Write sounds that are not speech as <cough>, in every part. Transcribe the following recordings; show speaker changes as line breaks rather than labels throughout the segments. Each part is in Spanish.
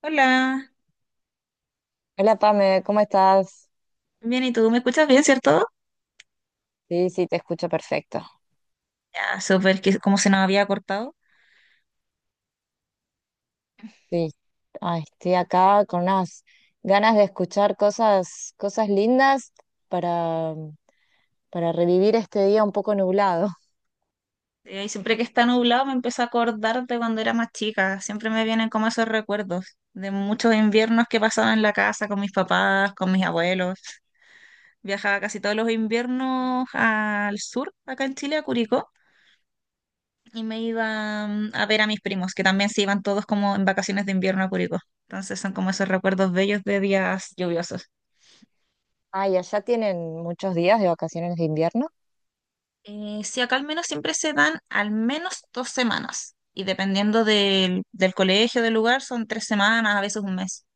Hola,
Hola Pame, ¿cómo estás?
bien, ¿y tú? ¿Me escuchas bien, cierto?
Sí, sí, te escucho perfecto.
Ya, súper, que como se nos había cortado.
Sí, ay, estoy acá con unas ganas de escuchar cosas, cosas lindas para, para revivir este día un poco nublado.
Y siempre que está nublado me empiezo a acordar de cuando era más chica. Siempre me vienen como esos recuerdos de muchos inviernos que pasaba en la casa con mis papás, con mis abuelos. Viajaba casi todos los inviernos al sur, acá en Chile, a Curicó, y me iba a ver a mis primos, que también se iban todos como en vacaciones de invierno a Curicó. Entonces son como esos recuerdos bellos de días lluviosos.
Ay, allá tienen muchos días de vacaciones de invierno.
Sí, acá al menos siempre se dan al menos 2 semanas y dependiendo del colegio, del lugar, son 3 semanas, a veces un mes.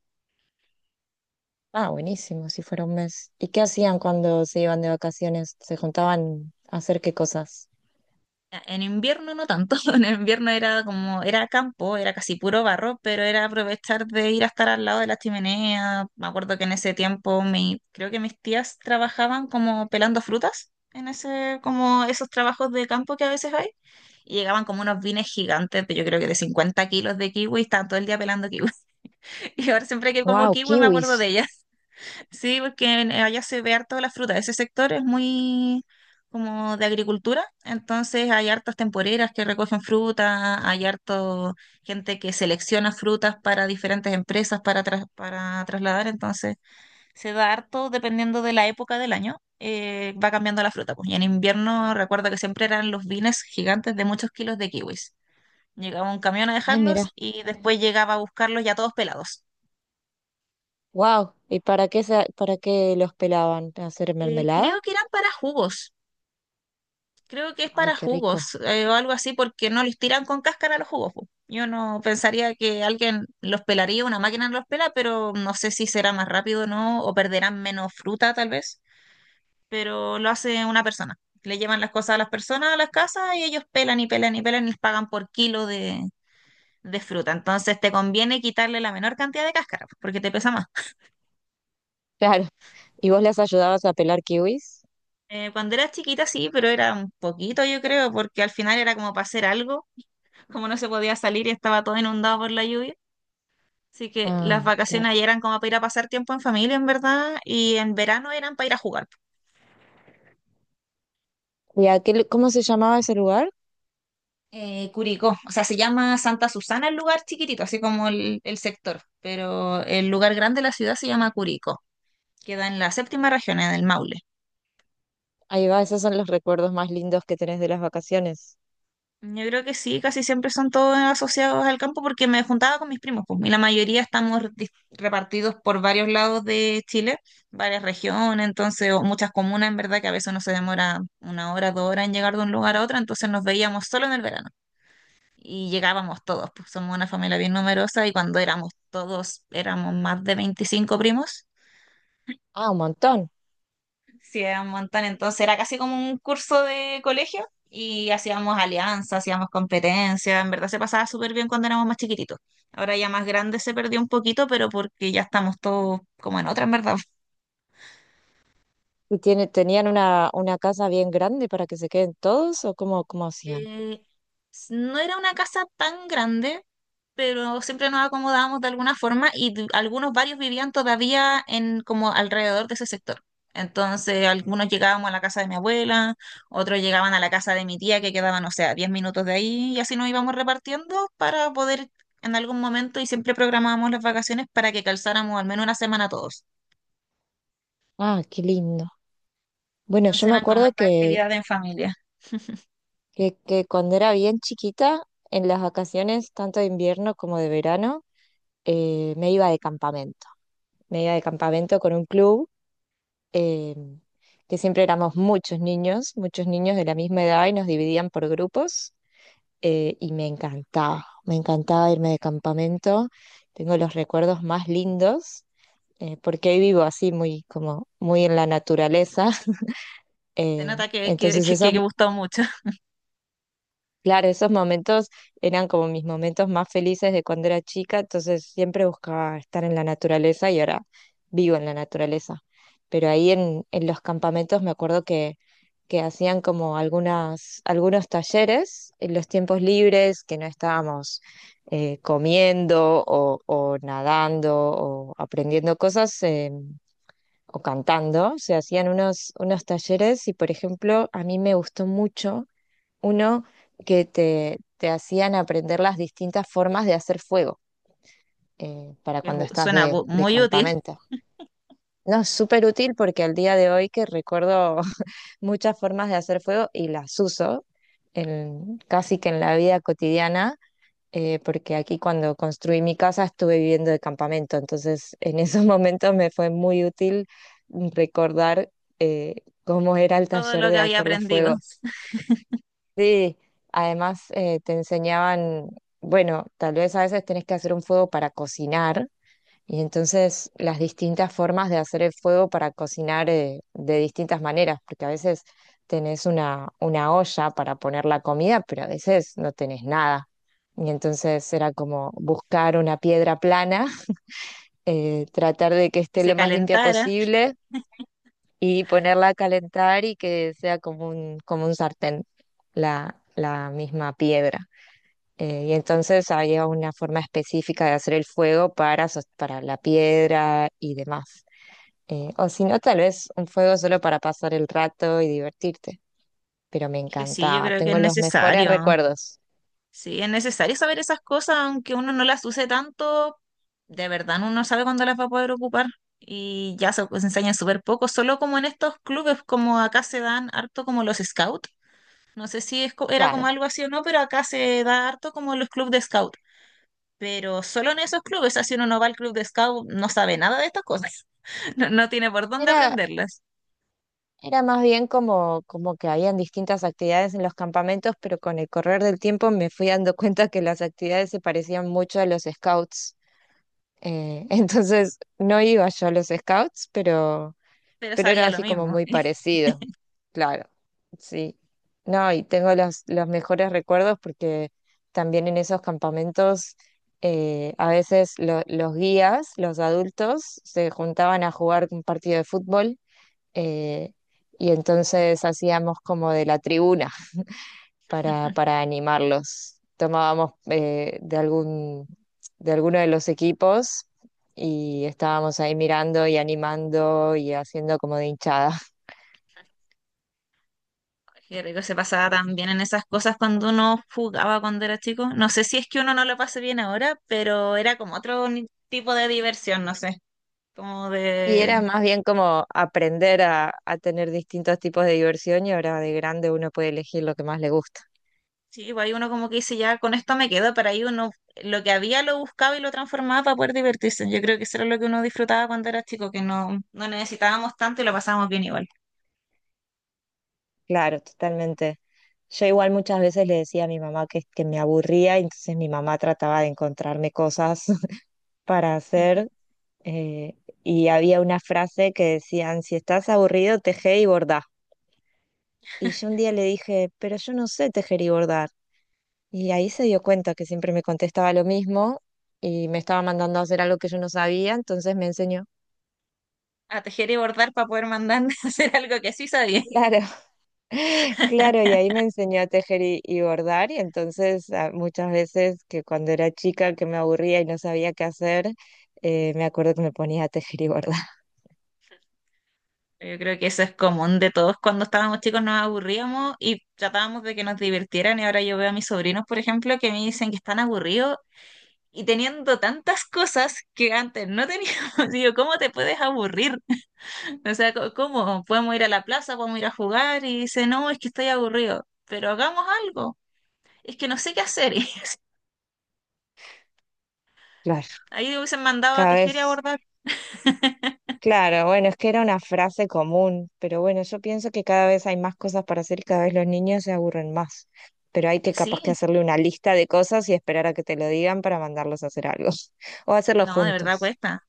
Ah, buenísimo, si fuera un mes. ¿Y qué hacían cuando se iban de vacaciones? ¿Se juntaban a hacer qué cosas?
En invierno no tanto, <laughs> en invierno era como, era campo, era casi puro barro, pero era aprovechar de ir a estar al lado de la chimenea. Me acuerdo que en ese tiempo mi, creo que mis tías trabajaban como pelando frutas, en ese, como esos trabajos de campo que a veces hay, y llegaban como unos vines gigantes, yo creo que de 50 kilos de kiwi, y estaban todo el día pelando kiwi. <laughs> Y ahora siempre que como
Wow,
kiwi me acuerdo de
kiwis.
ella. <laughs> Sí, porque allá se ve harto la fruta. Ese sector es muy como de agricultura, entonces hay hartas temporeras que recogen fruta, hay harto gente que selecciona frutas para diferentes empresas para, para trasladar, entonces se da harto dependiendo de la época del año. Va cambiando la fruta, pues. Y en invierno recuerdo que siempre eran los vines gigantes de muchos kilos de kiwis. Llegaba un camión a
Ay,
dejarlos
mira.
y después llegaba a buscarlos ya todos pelados.
Wow. ¿Para qué los pelaban? ¿A hacer mermelada?
Creo que eran para jugos. Creo que es
Ay,
para
qué rico.
jugos o algo así, porque no les tiran con cáscara los jugos. Po. Yo no pensaría que alguien los pelaría, una máquina los pela, pero no sé si será más rápido o no, o perderán menos fruta tal vez. Pero lo hace una persona. Le llevan las cosas a las personas a las casas y ellos pelan y pelan y pelan y les pagan por kilo de fruta. Entonces te conviene quitarle la menor cantidad de cáscara, po, porque te pesa más.
<laughs> ¿Y vos las ayudabas a pelar kiwis?
Cuando era chiquita sí, pero era un poquito, yo creo, porque al final era como para hacer algo como no se podía salir y estaba todo inundado por la lluvia. Así que las
Ah, claro.
vacaciones ahí eran como para ir a pasar tiempo en familia, en verdad, y en verano eran para ir a jugar.
¿Cómo se llamaba ese lugar?
Curicó, o sea, se llama Santa Susana el lugar chiquitito, así como el sector, pero el lugar grande de la ciudad se llama Curicó, queda en la séptima región, en el Maule.
Ahí va, esos son los recuerdos más lindos que tenés de las vacaciones.
Yo creo que sí, casi siempre son todos asociados al campo porque me juntaba con mis primos, pues, y la mayoría estamos repartidos por varios lados de Chile, varias regiones, entonces, o muchas comunas, en verdad, que a veces uno se demora una hora, 2 horas en llegar de un lugar a otro, entonces nos veíamos solo en el verano y llegábamos todos, pues somos una familia bien numerosa y cuando éramos todos, éramos más de 25 primos.
Ah, un montón.
Sí, era un montón. Entonces era casi como un curso de colegio y hacíamos alianzas, hacíamos competencias. En verdad se pasaba súper bien cuando éramos más chiquititos. Ahora ya más grande se perdió un poquito, pero porque ya estamos todos como en otra, en verdad.
¿Tenían una casa bien grande para que se queden todos o cómo hacían?
Eh, no era una casa tan grande, pero siempre nos acomodábamos de alguna forma y algunos varios vivían todavía en como alrededor de ese sector. Entonces, algunos llegábamos a la casa de mi abuela, otros llegaban a la casa de mi tía que quedaban, o sea, 10 minutos de ahí y así nos íbamos repartiendo para poder en algún momento y siempre programábamos las vacaciones para que calzáramos al menos una semana todos.
Ah, qué lindo. Bueno,
Entonces
yo me
eran como
acuerdo
esta
que,
actividad en familia.
que, que cuando era bien chiquita, en las vacaciones, tanto de invierno como de verano, me iba de campamento. Me iba de campamento con un club, em, que siempre éramos muchos niños de la misma edad y nos dividían por grupos, y me encantaba irme de campamento, tengo los recuerdos más lindos. Porque hoy vivo así muy como muy en la naturaleza. <laughs>
Se
eh,
nota que, que,
entonces
que,
esos
que gustó mucho,
claro, esos momentos eran como mis momentos más felices de cuando era chica, entonces siempre buscaba estar en la naturaleza y ahora vivo en la naturaleza. Pero ahí en los campamentos me acuerdo que hacían como algunos talleres en los tiempos libres que no estábamos comiendo o nadando o aprendiendo cosas, o cantando. Se hacían unos, unos talleres y, por ejemplo, a mí me gustó mucho uno te hacían aprender las distintas formas de hacer fuego, para cuando estás
suena
de
muy útil.
campamento. No, es súper útil porque al día de hoy que recuerdo <laughs> muchas formas de hacer fuego y las uso casi que en la vida cotidiana, porque aquí cuando construí mi casa estuve viviendo de campamento, entonces en esos <laughs> momentos me fue muy útil recordar eh, cómo era el
Todo
taller
lo que
de
había
hacer los
aprendido
fuegos. Sí, además te enseñaban, bueno, tal vez a veces tenés que hacer un fuego para cocinar y entonces las distintas formas de hacer el fuego para cocinar, de distintas maneras, porque a veces tenés una olla para poner la comida, pero a veces no tenés nada. Y entonces era como buscar una piedra plana, <laughs> tratar de que
y
esté
se
lo más limpia
calentara.
posible y ponerla a calentar y que sea como como un sartén la misma piedra. Y entonces había una forma específica de hacer el fuego para la piedra y demás. O si no, tal vez un fuego solo para pasar el rato y divertirte. Pero me
Dije, sí, yo
encantaba,
creo que es
tengo los mejores
necesario.
recuerdos.
Sí, es necesario saber esas cosas, aunque uno no las use tanto, de verdad uno no sabe cuándo las va a poder ocupar. Y ya se, pues, enseñan súper poco, solo como en estos clubes, como acá se dan harto como los scouts. No sé si es era como
Claro,
algo así o no, pero acá se da harto como los clubes de scout. Pero solo en esos clubes, así uno no va al club de scout, no sabe nada de estas cosas. <laughs> No, no tiene por dónde
era,
aprenderlas,
era más bien como, como que habían distintas actividades en los campamentos, pero con el correr del tiempo me fui dando <laughs> cuenta que las actividades se parecían mucho a los scouts. <laughs> Entonces no iba yo a los scouts, pero
pero
era
sabía lo
así como
mismo.
muy parecido, claro, sí. No, y tengo los mejores recuerdos porque también en esos campamentos, a veces los guías, los adultos, se juntaban a jugar un partido de fútbol, eh, y entonces hacíamos como de la tribuna para animarlos. Tomábamos de alguno de los equipos y estábamos ahí mirando y animando y haciendo como de hinchada.
Qué rico se pasaba tan bien en esas cosas cuando uno jugaba cuando era chico. No sé si es que uno no lo pase bien ahora, pero era como otro tipo de diversión, no sé. Como
Y
de...
era más bien como aprender a tener distintos tipos de diversión y ahora de grande uno puede elegir lo que más le gusta.
Sí, pues ahí uno como que dice, ya con esto me quedo, pero ahí uno lo que había lo buscaba y lo transformaba para poder divertirse. Yo creo que eso era lo que uno disfrutaba cuando era chico, que no, no necesitábamos tanto y lo pasábamos bien igual.
Claro, totalmente. Yo igual muchas veces le decía a mi mamá que me aburría, y entonces mi mamá trataba de encontrarme cosas <laughs> para hacer. eh, y había una frase que decían, si estás aburrido, teje y bordá. Y yo un día le dije, pero yo no sé tejer y bordar. Y ahí se dio cuenta que siempre me contestaba lo mismo y me estaba mandando a hacer algo que yo no sabía, entonces me enseñó.
A tejer y bordar para poder mandar <laughs> a hacer algo que sí sabía.
Claro, <laughs> claro, y ahí me enseñó a tejer y bordar, y entonces muchas veces que cuando era chica que me aburría y no sabía qué hacer, me acuerdo que me ponía a tejer y bordar. <laughs>
Yo creo que eso es común de todos. Cuando estábamos chicos nos aburríamos y tratábamos de que nos divirtieran. Y ahora yo veo a mis sobrinos, por ejemplo, que me dicen que están aburridos y teniendo tantas cosas que antes no teníamos. <laughs> Digo, ¿cómo te puedes aburrir? <laughs> O sea, ¿cómo? Podemos ir a la plaza, podemos ir a jugar y dice, no, es que estoy aburrido. Pero hagamos algo. Es que no sé qué hacer. <laughs> Y
Claro,
ahí hubiesen mandado a
cada
tejer y a
vez,
bordar.
claro, bueno, es que era una frase común, pero bueno, yo pienso que cada vez hay más cosas para hacer y cada vez los niños se aburren más, pero hay que capaz que
Sí,
hacerle una lista de cosas y esperar a que te lo digan para mandarlos a hacer algo, <laughs> o hacerlo
no, de verdad
juntos.
cuesta.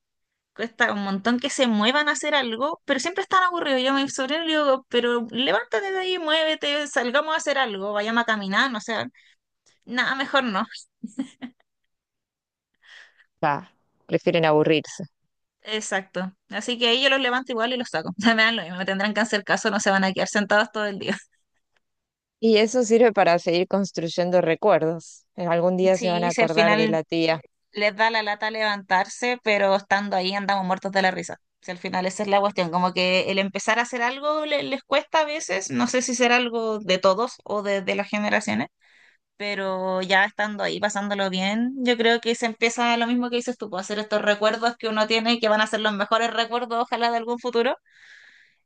Cuesta un montón que se muevan a hacer algo, pero siempre están aburridos. Yo a mi sobrino le digo, pero levántate de ahí, muévete, salgamos a hacer algo, vayamos a caminar, no sé nada, mejor no.
Ah, prefieren aburrirse.
Exacto. Así que ahí yo los levanto igual y los saco. <laughs> Me dan lo mismo, me tendrán que hacer caso, no se van a quedar sentados todo el día. <laughs>
Y eso sirve para seguir construyendo recuerdos. En algún día se van a
Sí, si al
acordar de
final
la tía.
les da la lata levantarse, pero estando ahí andamos muertos de la risa. Si al final esa es la cuestión, como que el empezar a hacer algo les cuesta a veces, no sé si será algo de todos o de las generaciones, pero ya estando ahí, pasándolo bien, yo creo que se empieza lo mismo que dices tú, puedo hacer estos recuerdos que uno tiene y que van a ser los mejores recuerdos, ojalá de algún futuro,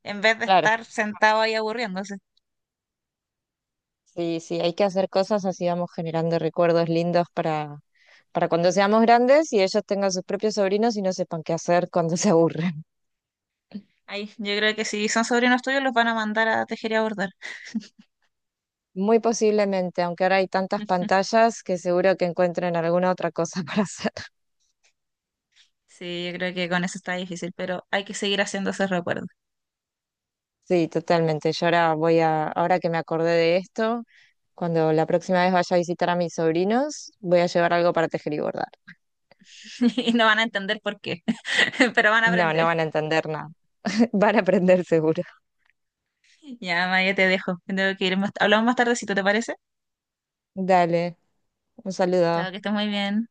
en vez de
Claro,
estar sentado ahí aburriéndose.
sí, sí, hay que hacer cosas así vamos generando recuerdos lindos para cuando seamos grandes y ellos tengan sus propios sobrinos y no sepan qué hacer cuando <laughs> se aburren.
Ahí, yo creo que si son sobrinos tuyos, los van a mandar a tejer y a bordar.
Muy posiblemente, aunque ahora hay tantas pantallas que seguro que encuentren alguna otra cosa <laughs> para hacer.
Sí, yo creo que con eso está difícil, pero hay que seguir haciendo esos recuerdos.
Sí, totalmente. Yo ahora voy a, ahora que me acordé de esto, cuando la próxima vez vaya a visitar a mis sobrinos, voy a llevar algo para tejer y bordar.
<laughs> Y no van a entender por qué, <laughs> pero van a
No, no
aprender.
van a entender nada. <laughs> Van a aprender seguro.
Ya, Maya, te dejo. Tengo que ir. Hablamos más tardecito, ¿te parece?
Dale, un saludo.
Chao, que estés muy bien.